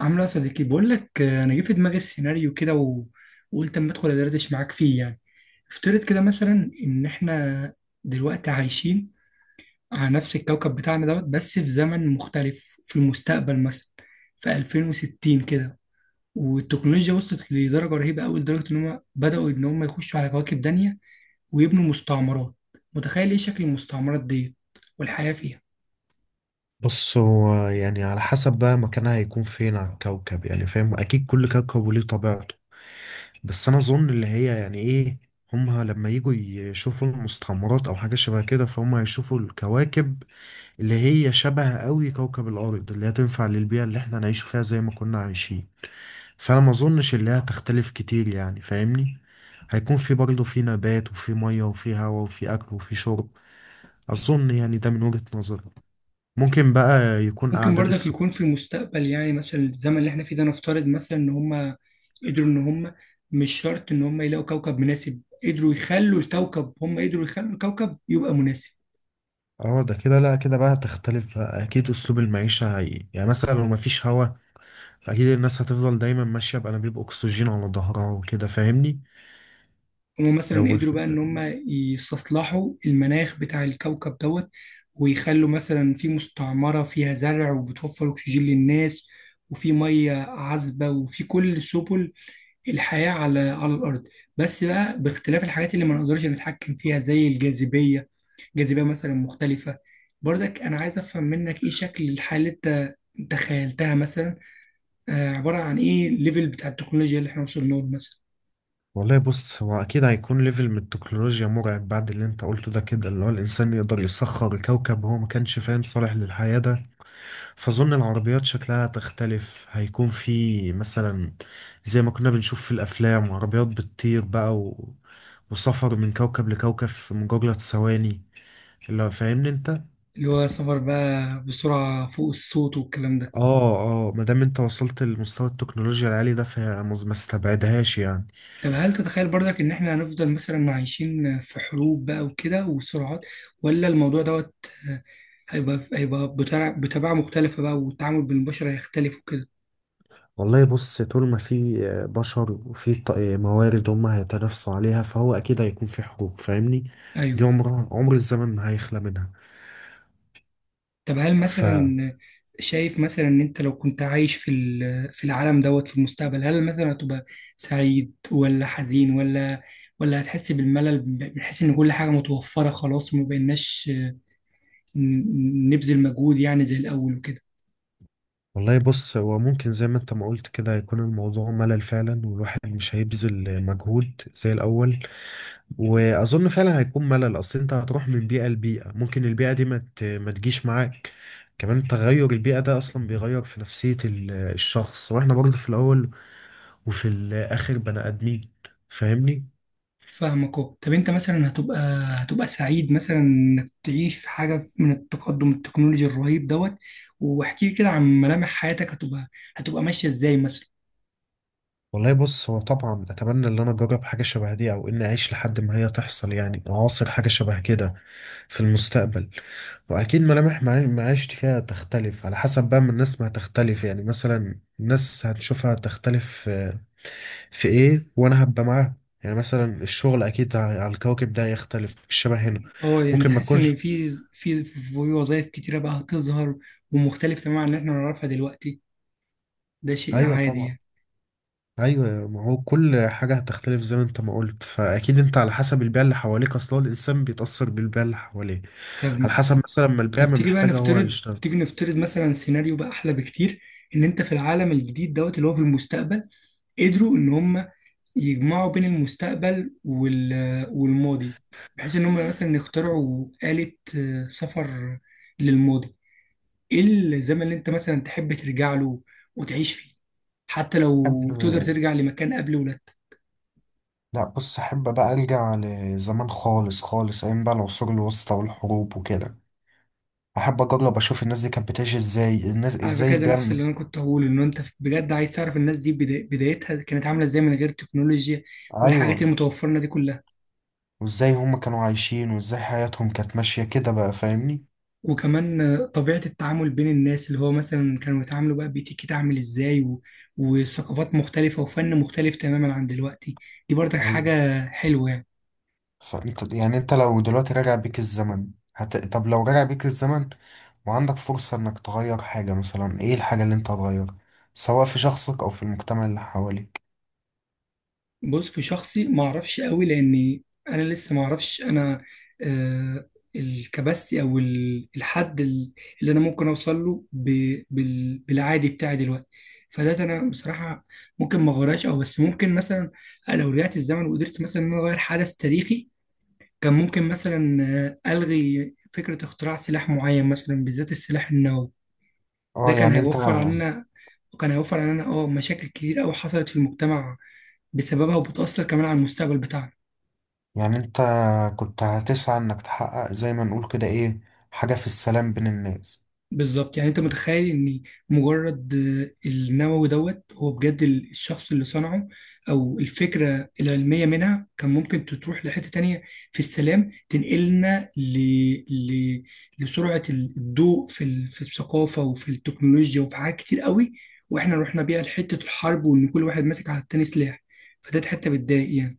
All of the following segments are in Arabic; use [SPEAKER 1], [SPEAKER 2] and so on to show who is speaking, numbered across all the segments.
[SPEAKER 1] عامله يا صديقي بقول لك انا جه في دماغي السيناريو كده و- وقلت اما ادخل ادردش معاك فيه يعني. افترض كده مثلا ان احنا دلوقتي عايشين على نفس الكوكب بتاعنا دوت، بس في زمن مختلف في المستقبل، مثلا في 2060 كده، والتكنولوجيا وصلت لدرجه رهيبه قوي، لدرجه ان هم بداوا ان هم يخشوا على كواكب تانية ويبنوا مستعمرات. متخيل ايه شكل المستعمرات ديت والحياه فيها؟
[SPEAKER 2] بص هو يعني على حسب بقى مكانها هيكون فين على الكوكب، يعني فاهم، اكيد كل كوكب وليه طبيعته. بس انا اظن اللي هي يعني ايه، هما لما يجوا يشوفوا المستعمرات او حاجه شبه كده، فهم هيشوفوا الكواكب اللي هي شبه قوي كوكب الارض، اللي هي تنفع للبيئه اللي احنا نعيش فيها زي ما كنا عايشين. فانا ما اظنش اللي هي هتختلف كتير، يعني فاهمني، هيكون في برضه في نبات وفي ميه وفي هواء وفي اكل وفي شرب. اظن يعني ده من وجهه نظري. ممكن بقى يكون
[SPEAKER 1] ممكن
[SPEAKER 2] أعداد
[SPEAKER 1] برضك
[SPEAKER 2] السكان.
[SPEAKER 1] يكون في المستقبل، يعني مثلا الزمن اللي احنا فيه ده، نفترض مثلا ان هم قدروا ان هم، مش شرط ان هم يلاقوا كوكب مناسب، قدروا يخلوا الكوكب، هم قدروا يخلوا الكوكب يبقى مناسب.
[SPEAKER 2] اه ده كده، لا كده بقى تختلف بقى. اكيد اسلوب المعيشه هي يعني مثلا لو مفيش هوا، فاكيد الناس هتفضل دايما ماشيه بانابيب اكسجين على ظهرها وكده، فاهمني.
[SPEAKER 1] هم
[SPEAKER 2] لو
[SPEAKER 1] مثلا
[SPEAKER 2] ما
[SPEAKER 1] قدروا
[SPEAKER 2] في
[SPEAKER 1] بقى ان هم
[SPEAKER 2] يعني،
[SPEAKER 1] يستصلحوا المناخ بتاع الكوكب دوت، ويخلوا مثلا في مستعمرة فيها زرع وبتوفر اكسجين للناس، وفي مية عذبة وفي كل سبل الحياة على الأرض، بس بقى باختلاف الحاجات اللي ما نقدرش نتحكم فيها زي الجاذبية. جاذبية مثلا مختلفة. برضك أنا عايز أفهم منك إيه شكل الحالة اللي أنت خيلتها مثلا، عبارة عن إيه الليفل بتاع التكنولوجيا اللي إحنا وصلنا له مثلا،
[SPEAKER 2] والله بص هو اكيد هيكون ليفل من التكنولوجيا مرعب بعد اللي انت قلته ده كده، اللي هو الانسان يقدر يسخر كوكب هو ما كانش فاهم صالح للحياه ده. فاظن العربيات شكلها هتختلف، هيكون في مثلا، زي ما كنا بنشوف في الافلام، عربيات بتطير بقى و... وسفر من كوكب لكوكب في مجرد ثواني، لو فاهمني انت.
[SPEAKER 1] اللي هو سفر بقى بسرعة فوق الصوت والكلام ده.
[SPEAKER 2] اه. اه ما دام انت وصلت لمستوى التكنولوجيا العالي ده فهي ما استبعدهاش يعني.
[SPEAKER 1] طب هل تتخيل برضك إن إحنا هنفضل مثلا عايشين في حروب بقى وكده وسرعات، ولا الموضوع دوت آه، هيبقى بطباع مختلفة بقى، والتعامل بالبشر هيختلف وكده؟
[SPEAKER 2] والله بص طول ما في بشر وفي موارد هم هيتنافسوا عليها، فهو اكيد هيكون في حروب، فاهمني.
[SPEAKER 1] أيوه.
[SPEAKER 2] دي عمرها عمر الزمن، ما هيخلى منها.
[SPEAKER 1] طب هل
[SPEAKER 2] ف
[SPEAKER 1] مثلا شايف مثلا ان انت لو كنت عايش في في العالم دوت في المستقبل، هل مثلا هتبقى سعيد ولا حزين، ولا ولا هتحس بالملل، من حيث ان كل حاجة متوفرة خلاص وما بقيناش نبذل مجهود يعني زي الاول وكده؟
[SPEAKER 2] والله بص هو ممكن زي ما انت ما قلت كده يكون الموضوع ملل فعلا، والواحد مش هيبذل مجهود زي الاول. واظن فعلا هيكون ملل، اصل انت هتروح من بيئه لبيئه، ممكن البيئه دي ما تجيش معاك. كمان تغير البيئه ده اصلا بيغير في نفسيه الشخص، واحنا برضه في الاول وفي الاخر بني ادمين، فاهمني.
[SPEAKER 1] فاهمك اهو. طب انت مثلا هتبقى سعيد مثلا انك تعيش في حاجة من التقدم التكنولوجي الرهيب دوت؟ واحكي لي كده عن ملامح حياتك، هتبقى ماشية ازاي مثلا؟
[SPEAKER 2] والله بص هو طبعا اتمنى ان انا اجرب حاجه شبه دي او اني اعيش لحد ما هي تحصل، يعني اعاصر حاجه شبه كده في المستقبل. واكيد ملامح معيشتي فيها تختلف على حسب بقى من الناس، ما هتختلف يعني مثلا الناس هتشوفها تختلف في في ايه وانا هبقى معاها. يعني مثلا الشغل اكيد على الكوكب ده يختلف، مش شبه هنا.
[SPEAKER 1] اه، يعني
[SPEAKER 2] ممكن ما
[SPEAKER 1] تحس ان
[SPEAKER 2] تكونش.
[SPEAKER 1] في وظائف كتيره بقى هتظهر، ومختلف تماما عن اللي احنا نعرفها دلوقتي؟ ده شيء
[SPEAKER 2] ايوه
[SPEAKER 1] عادي
[SPEAKER 2] طبعا.
[SPEAKER 1] يعني.
[SPEAKER 2] ايوه، ما هو كل حاجه هتختلف زي ما انت ما قلت، فاكيد انت على حسب البيئه اللي حواليك، اصلا الانسان بيتاثر بالبيئه اللي حواليه، على
[SPEAKER 1] طب
[SPEAKER 2] حسب مثلا ما البيئه
[SPEAKER 1] طب
[SPEAKER 2] ما
[SPEAKER 1] تيجي بقى
[SPEAKER 2] محتاجه هو
[SPEAKER 1] نفترض،
[SPEAKER 2] يشتغل.
[SPEAKER 1] تيجي نفترض مثلا سيناريو بقى احلى بكتير، ان انت في العالم الجديد دوت اللي هو في المستقبل، قدروا ان هم يجمعوا بين المستقبل والماضي، بحيث ان هم مثلا يخترعوا آلة سفر للماضي. ايه الزمن اللي انت مثلا تحب ترجع له وتعيش فيه، حتى
[SPEAKER 2] حد،
[SPEAKER 1] لو تقدر ترجع لمكان قبل ولادتك؟
[SPEAKER 2] لا بص احب بقى ارجع لزمان خالص خالص، ايام بقى العصور الوسطى والحروب وكده. احب اجرب اشوف الناس دي كانت بتعيش ازاي، الناس
[SPEAKER 1] على
[SPEAKER 2] ازاي،
[SPEAKER 1] فكرة ده
[SPEAKER 2] البيئة.
[SPEAKER 1] نفس اللي أنا كنت هقوله، إن أنت بجد عايز تعرف الناس دي بدايتها كانت عاملة إزاي من غير تكنولوجيا
[SPEAKER 2] ايوه.
[SPEAKER 1] والحاجات المتوفرة لنا دي كلها،
[SPEAKER 2] وازاي هم كانوا عايشين، وازاي حياتهم كانت ماشية كده بقى، فاهمني.
[SPEAKER 1] وكمان طبيعة التعامل بين الناس، اللي هو مثلا كانوا يتعاملوا بقى بيتيكيت عامل إزاي، و... وثقافات مختلفة وفن مختلف تماما عن دلوقتي. دي برضك
[SPEAKER 2] ايوه.
[SPEAKER 1] حاجة حلوة يعني.
[SPEAKER 2] فانت يعني، انت لو دلوقتي راجع بيك الزمن، طب لو راجع بيك الزمن وعندك فرصة انك تغير حاجة، مثلا ايه الحاجة اللي انت هتغيرها، سواء في شخصك او في المجتمع اللي حواليك.
[SPEAKER 1] بص في شخصي ما اعرفش قوي، لان انا لسه ما اعرفش انا آه الكباستي او الحد اللي انا ممكن اوصل له بالعادي بتاعي دلوقتي. فده انا بصراحه ممكن ما اغيرهاش او، بس ممكن مثلا لو رجعت الزمن وقدرت مثلا ان انا اغير حدث تاريخي، كان ممكن مثلا الغي فكره اختراع سلاح معين، مثلا بالذات السلاح النووي. ده
[SPEAKER 2] اه
[SPEAKER 1] كان
[SPEAKER 2] يعني انت،
[SPEAKER 1] هيوفر علينا، وكان هيوفر علينا اه مشاكل كتير قوي حصلت في المجتمع بسببها، وبتأثر كمان على المستقبل بتاعنا.
[SPEAKER 2] يعني انت كنت هتسعى انك تحقق زي ما نقول كده ايه، حاجة في السلام بين الناس.
[SPEAKER 1] بالظبط، يعني انت متخيل ان مجرد النووي دوت، هو بجد الشخص اللي صنعه او الفكرة العلمية منها، كان ممكن تروح لحتة تانية في السلام، تنقلنا ل... لسرعة الضوء في في الثقافة وفي التكنولوجيا وفي حاجات كتير قوي، واحنا رحنا بيها لحتة الحرب، وان كل واحد ماسك على التاني سلاح. فده حتة بتضايق يعني.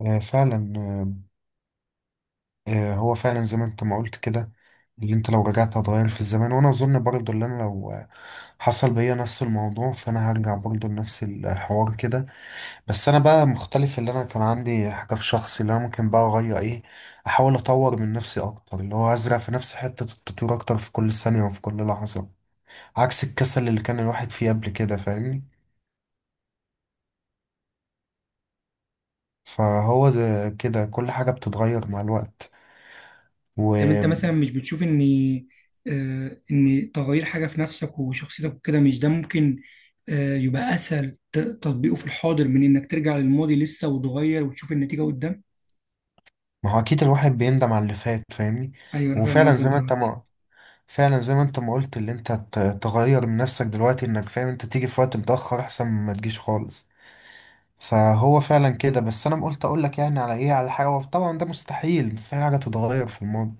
[SPEAKER 2] آه، فعلا آه، آه، هو فعلا زي ما انت ما قلت كده، اللي انت لو رجعت هتغير في الزمان، وانا اظن برضو اللي انا لو حصل بيا نفس الموضوع فانا هرجع برضو لنفس الحوار كده. بس انا بقى مختلف، اللي انا كان عندي حاجة في شخصي اللي انا ممكن بقى اغير، ايه، احاول اطور من نفسي اكتر، اللي هو ازرع في نفسي حتة التطوير اكتر في كل ثانية وفي كل لحظة، عكس الكسل اللي كان الواحد فيه قبل كده، فاهمني. فهو زي كده كل حاجة بتتغير مع الوقت.
[SPEAKER 1] طب انت
[SPEAKER 2] وما
[SPEAKER 1] مثلا مش بتشوف ان ان تغيير حاجه في نفسك وشخصيتك وكده، مش ده ممكن يبقى اسهل تطبيقه في الحاضر، من انك ترجع للماضي لسه وتغير وتشوف النتيجه قدام؟
[SPEAKER 2] هو أكيد الواحد بيندم على اللي فات، فاهمني.
[SPEAKER 1] ايوه، انا فاهم
[SPEAKER 2] وفعلا
[SPEAKER 1] قصدك
[SPEAKER 2] زي ما أنت
[SPEAKER 1] دلوقتي.
[SPEAKER 2] ما فعلا زي ما أنت ما قلت، اللي أنت تغير من نفسك دلوقتي إنك فاهم أنت تيجي في وقت متأخر أحسن ما تجيش خالص. فهو فعلا كده، بس أنا قلت أقول لك يعني على إيه، على حاجة طبعا ده مستحيل، حاجة تتغير في الماضي،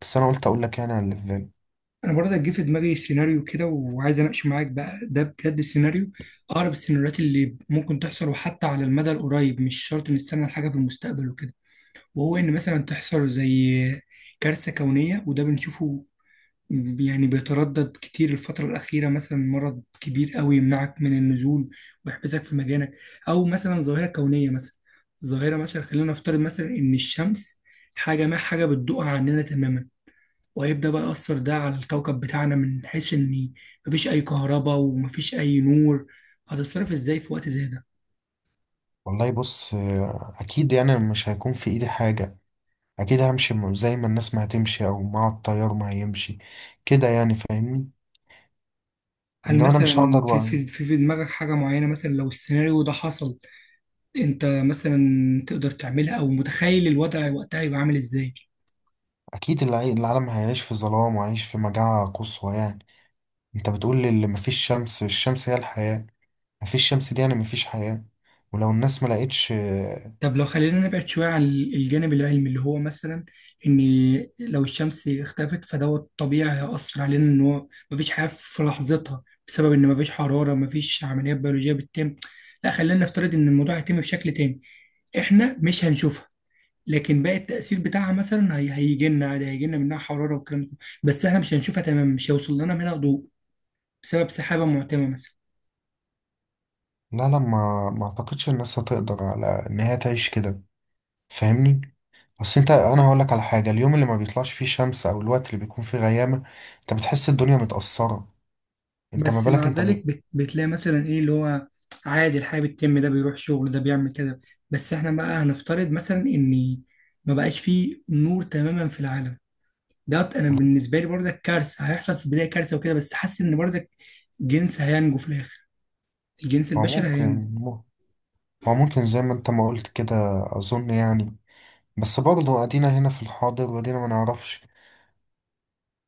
[SPEAKER 2] بس أنا قلت أقول لك يعني على اللي في بالي.
[SPEAKER 1] انا برضه جه في دماغي سيناريو كده وعايز اناقش معاك بقى، ده بجد سيناريو اقرب السيناريوهات اللي ممكن تحصل، وحتى على المدى القريب، مش شرط نستنى الحاجه في المستقبل وكده. وهو ان مثلا تحصل زي كارثه كونيه، وده بنشوفه يعني، بيتردد كتير الفترة الأخيرة، مثلا مرض كبير قوي يمنعك من النزول ويحبسك في مكانك، أو مثلا ظاهرة كونية، مثلا ظاهرة مثلا، خلينا نفترض مثلا إن الشمس حاجة ما حاجة بتدوقها عننا تماما، وهيبدأ بقى يأثر ده على الكوكب بتاعنا، من حيث إن مفيش أي كهرباء ومفيش أي نور. هتتصرف إزاي في وقت زي ده؟
[SPEAKER 2] والله بص أكيد يعني مش هيكون في إيدي حاجة. اكيد همشي زي ما الناس ما هتمشي او مع التيار ما هيمشي كده، يعني فاهمني.
[SPEAKER 1] هل
[SPEAKER 2] انما انا مش هقدر
[SPEAKER 1] مثلا في
[SPEAKER 2] بقى.
[SPEAKER 1] في في في دماغك حاجة معينة مثلا لو السيناريو ده حصل، أنت مثلا تقدر تعملها، أو متخيل الوضع وقتها يبقى عامل إزاي؟
[SPEAKER 2] اكيد العالم هيعيش في ظلام وهيعيش في مجاعة قصوى يعني. انت بتقول لي اللي مفيش شمس، الشمس هي الحياة، مفيش شمس دي يعني مفيش حياة. ولو الناس ما لقيتش.
[SPEAKER 1] طب لو خلينا نبعد شوية عن الجانب العلمي، اللي هو مثلا إن لو الشمس اختفت فدوت طبيعي هيأثر علينا إن هو مفيش حياة في لحظتها، بسبب إن مفيش حرارة، مفيش عمليات بيولوجية بتتم. لا، خلينا نفترض إن الموضوع هيتم بشكل تاني، إحنا مش هنشوفها، لكن باقي التأثير بتاعها مثلا هيجي لنا عادي، هيجي لنا منها حرارة والكلام ده، بس إحنا مش هنشوفها تماما، مش هيوصل لنا منها ضوء، بسبب سحابة معتمة مثلا.
[SPEAKER 2] لا، ما اعتقدش الناس هتقدر على ان هي تعيش كده، فاهمني. اصل انت انا هقول لك على حاجة، اليوم اللي ما بيطلعش فيه شمس او الوقت اللي بيكون فيه غيامة، انت بتحس الدنيا متأثرة، انت ما
[SPEAKER 1] بس
[SPEAKER 2] بالك
[SPEAKER 1] مع
[SPEAKER 2] انت
[SPEAKER 1] ذلك بتلاقي مثلا ايه، اللي هو عادي الحياة بتتم، ده بيروح شغل، ده بيعمل كده. بس احنا بقى هنفترض مثلا ان ما بقاش فيه نور تماما في العالم. ده انا بالنسبة لي برضك كارثة، هيحصل في البداية كارثة وكده، بس حاسس ان برضك جنس هينجو في الاخر، الجنس
[SPEAKER 2] هو
[SPEAKER 1] البشري هينجو.
[SPEAKER 2] ممكن، هو ممكن زي ما انت ما قلت كده. اظن يعني، بس برضه ادينا هنا في الحاضر وادينا ما نعرفش.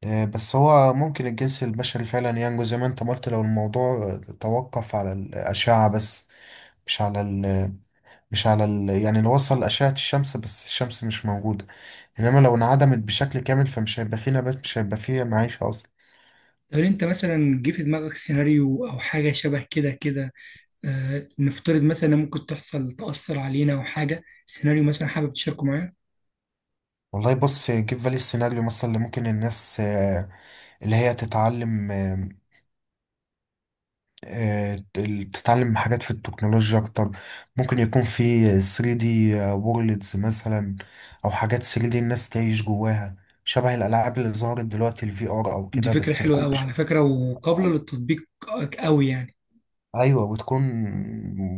[SPEAKER 2] بس هو ممكن الجنس البشري فعلا ينجو زي ما انت ما قلت، لو الموضوع توقف على الأشعة بس، مش على ال مش على ال، يعني لو وصل لأشعة الشمس بس الشمس مش موجودة، انما لو انعدمت بشكل كامل فمش هيبقى فيه نبات، مش هيبقى فيه معيشة اصلا.
[SPEAKER 1] هل انت مثلا جه في دماغك سيناريو او حاجة شبه كده كده، آه نفترض مثلا إن ممكن تحصل تأثر علينا او حاجة، سيناريو مثلا حابب تشاركه معايا؟
[SPEAKER 2] والله بص جيب بالي السيناريو مثلا اللي ممكن الناس اللي هي تتعلم، تتعلم حاجات في التكنولوجيا اكتر. ممكن يكون في 3D وورلدز مثلا، او حاجات 3D الناس تعيش جواها، شبه الالعاب اللي ظهرت دلوقتي الفي ار او
[SPEAKER 1] دي
[SPEAKER 2] كده،
[SPEAKER 1] فكرة
[SPEAKER 2] بس
[SPEAKER 1] حلوة
[SPEAKER 2] تكون
[SPEAKER 1] أوي على فكرة، وقابلة للتطبيق أوي يعني.
[SPEAKER 2] ايوه، وتكون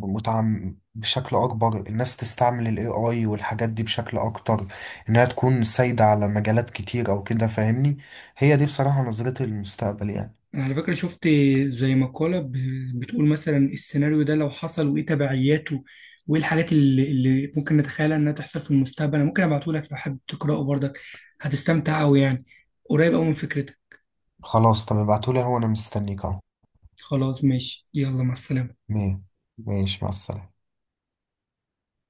[SPEAKER 2] متعم بشكل اكبر، الناس تستعمل الاي اي والحاجات دي بشكل اكتر، انها تكون سايدة على مجالات كتير او كده، فاهمني. هي دي بصراحة نظرتي للمستقبل يعني.
[SPEAKER 1] أنا على فكرة شفت زي مقالة بتقول مثلا السيناريو ده لو حصل وإيه تبعياته، وإيه الحاجات اللي ممكن نتخيلها إنها تحصل في المستقبل. أنا ممكن أبعتهولك لو حابب تقرأه برضك، هتستمتع أوي يعني، قريب أوي من فكرتك.
[SPEAKER 2] خلاص طب ابعتولي، هو انا مستنيك اهو.
[SPEAKER 1] خلاص ماشي، يلا مع السلامة.
[SPEAKER 2] مية. ماشي مع السلامة.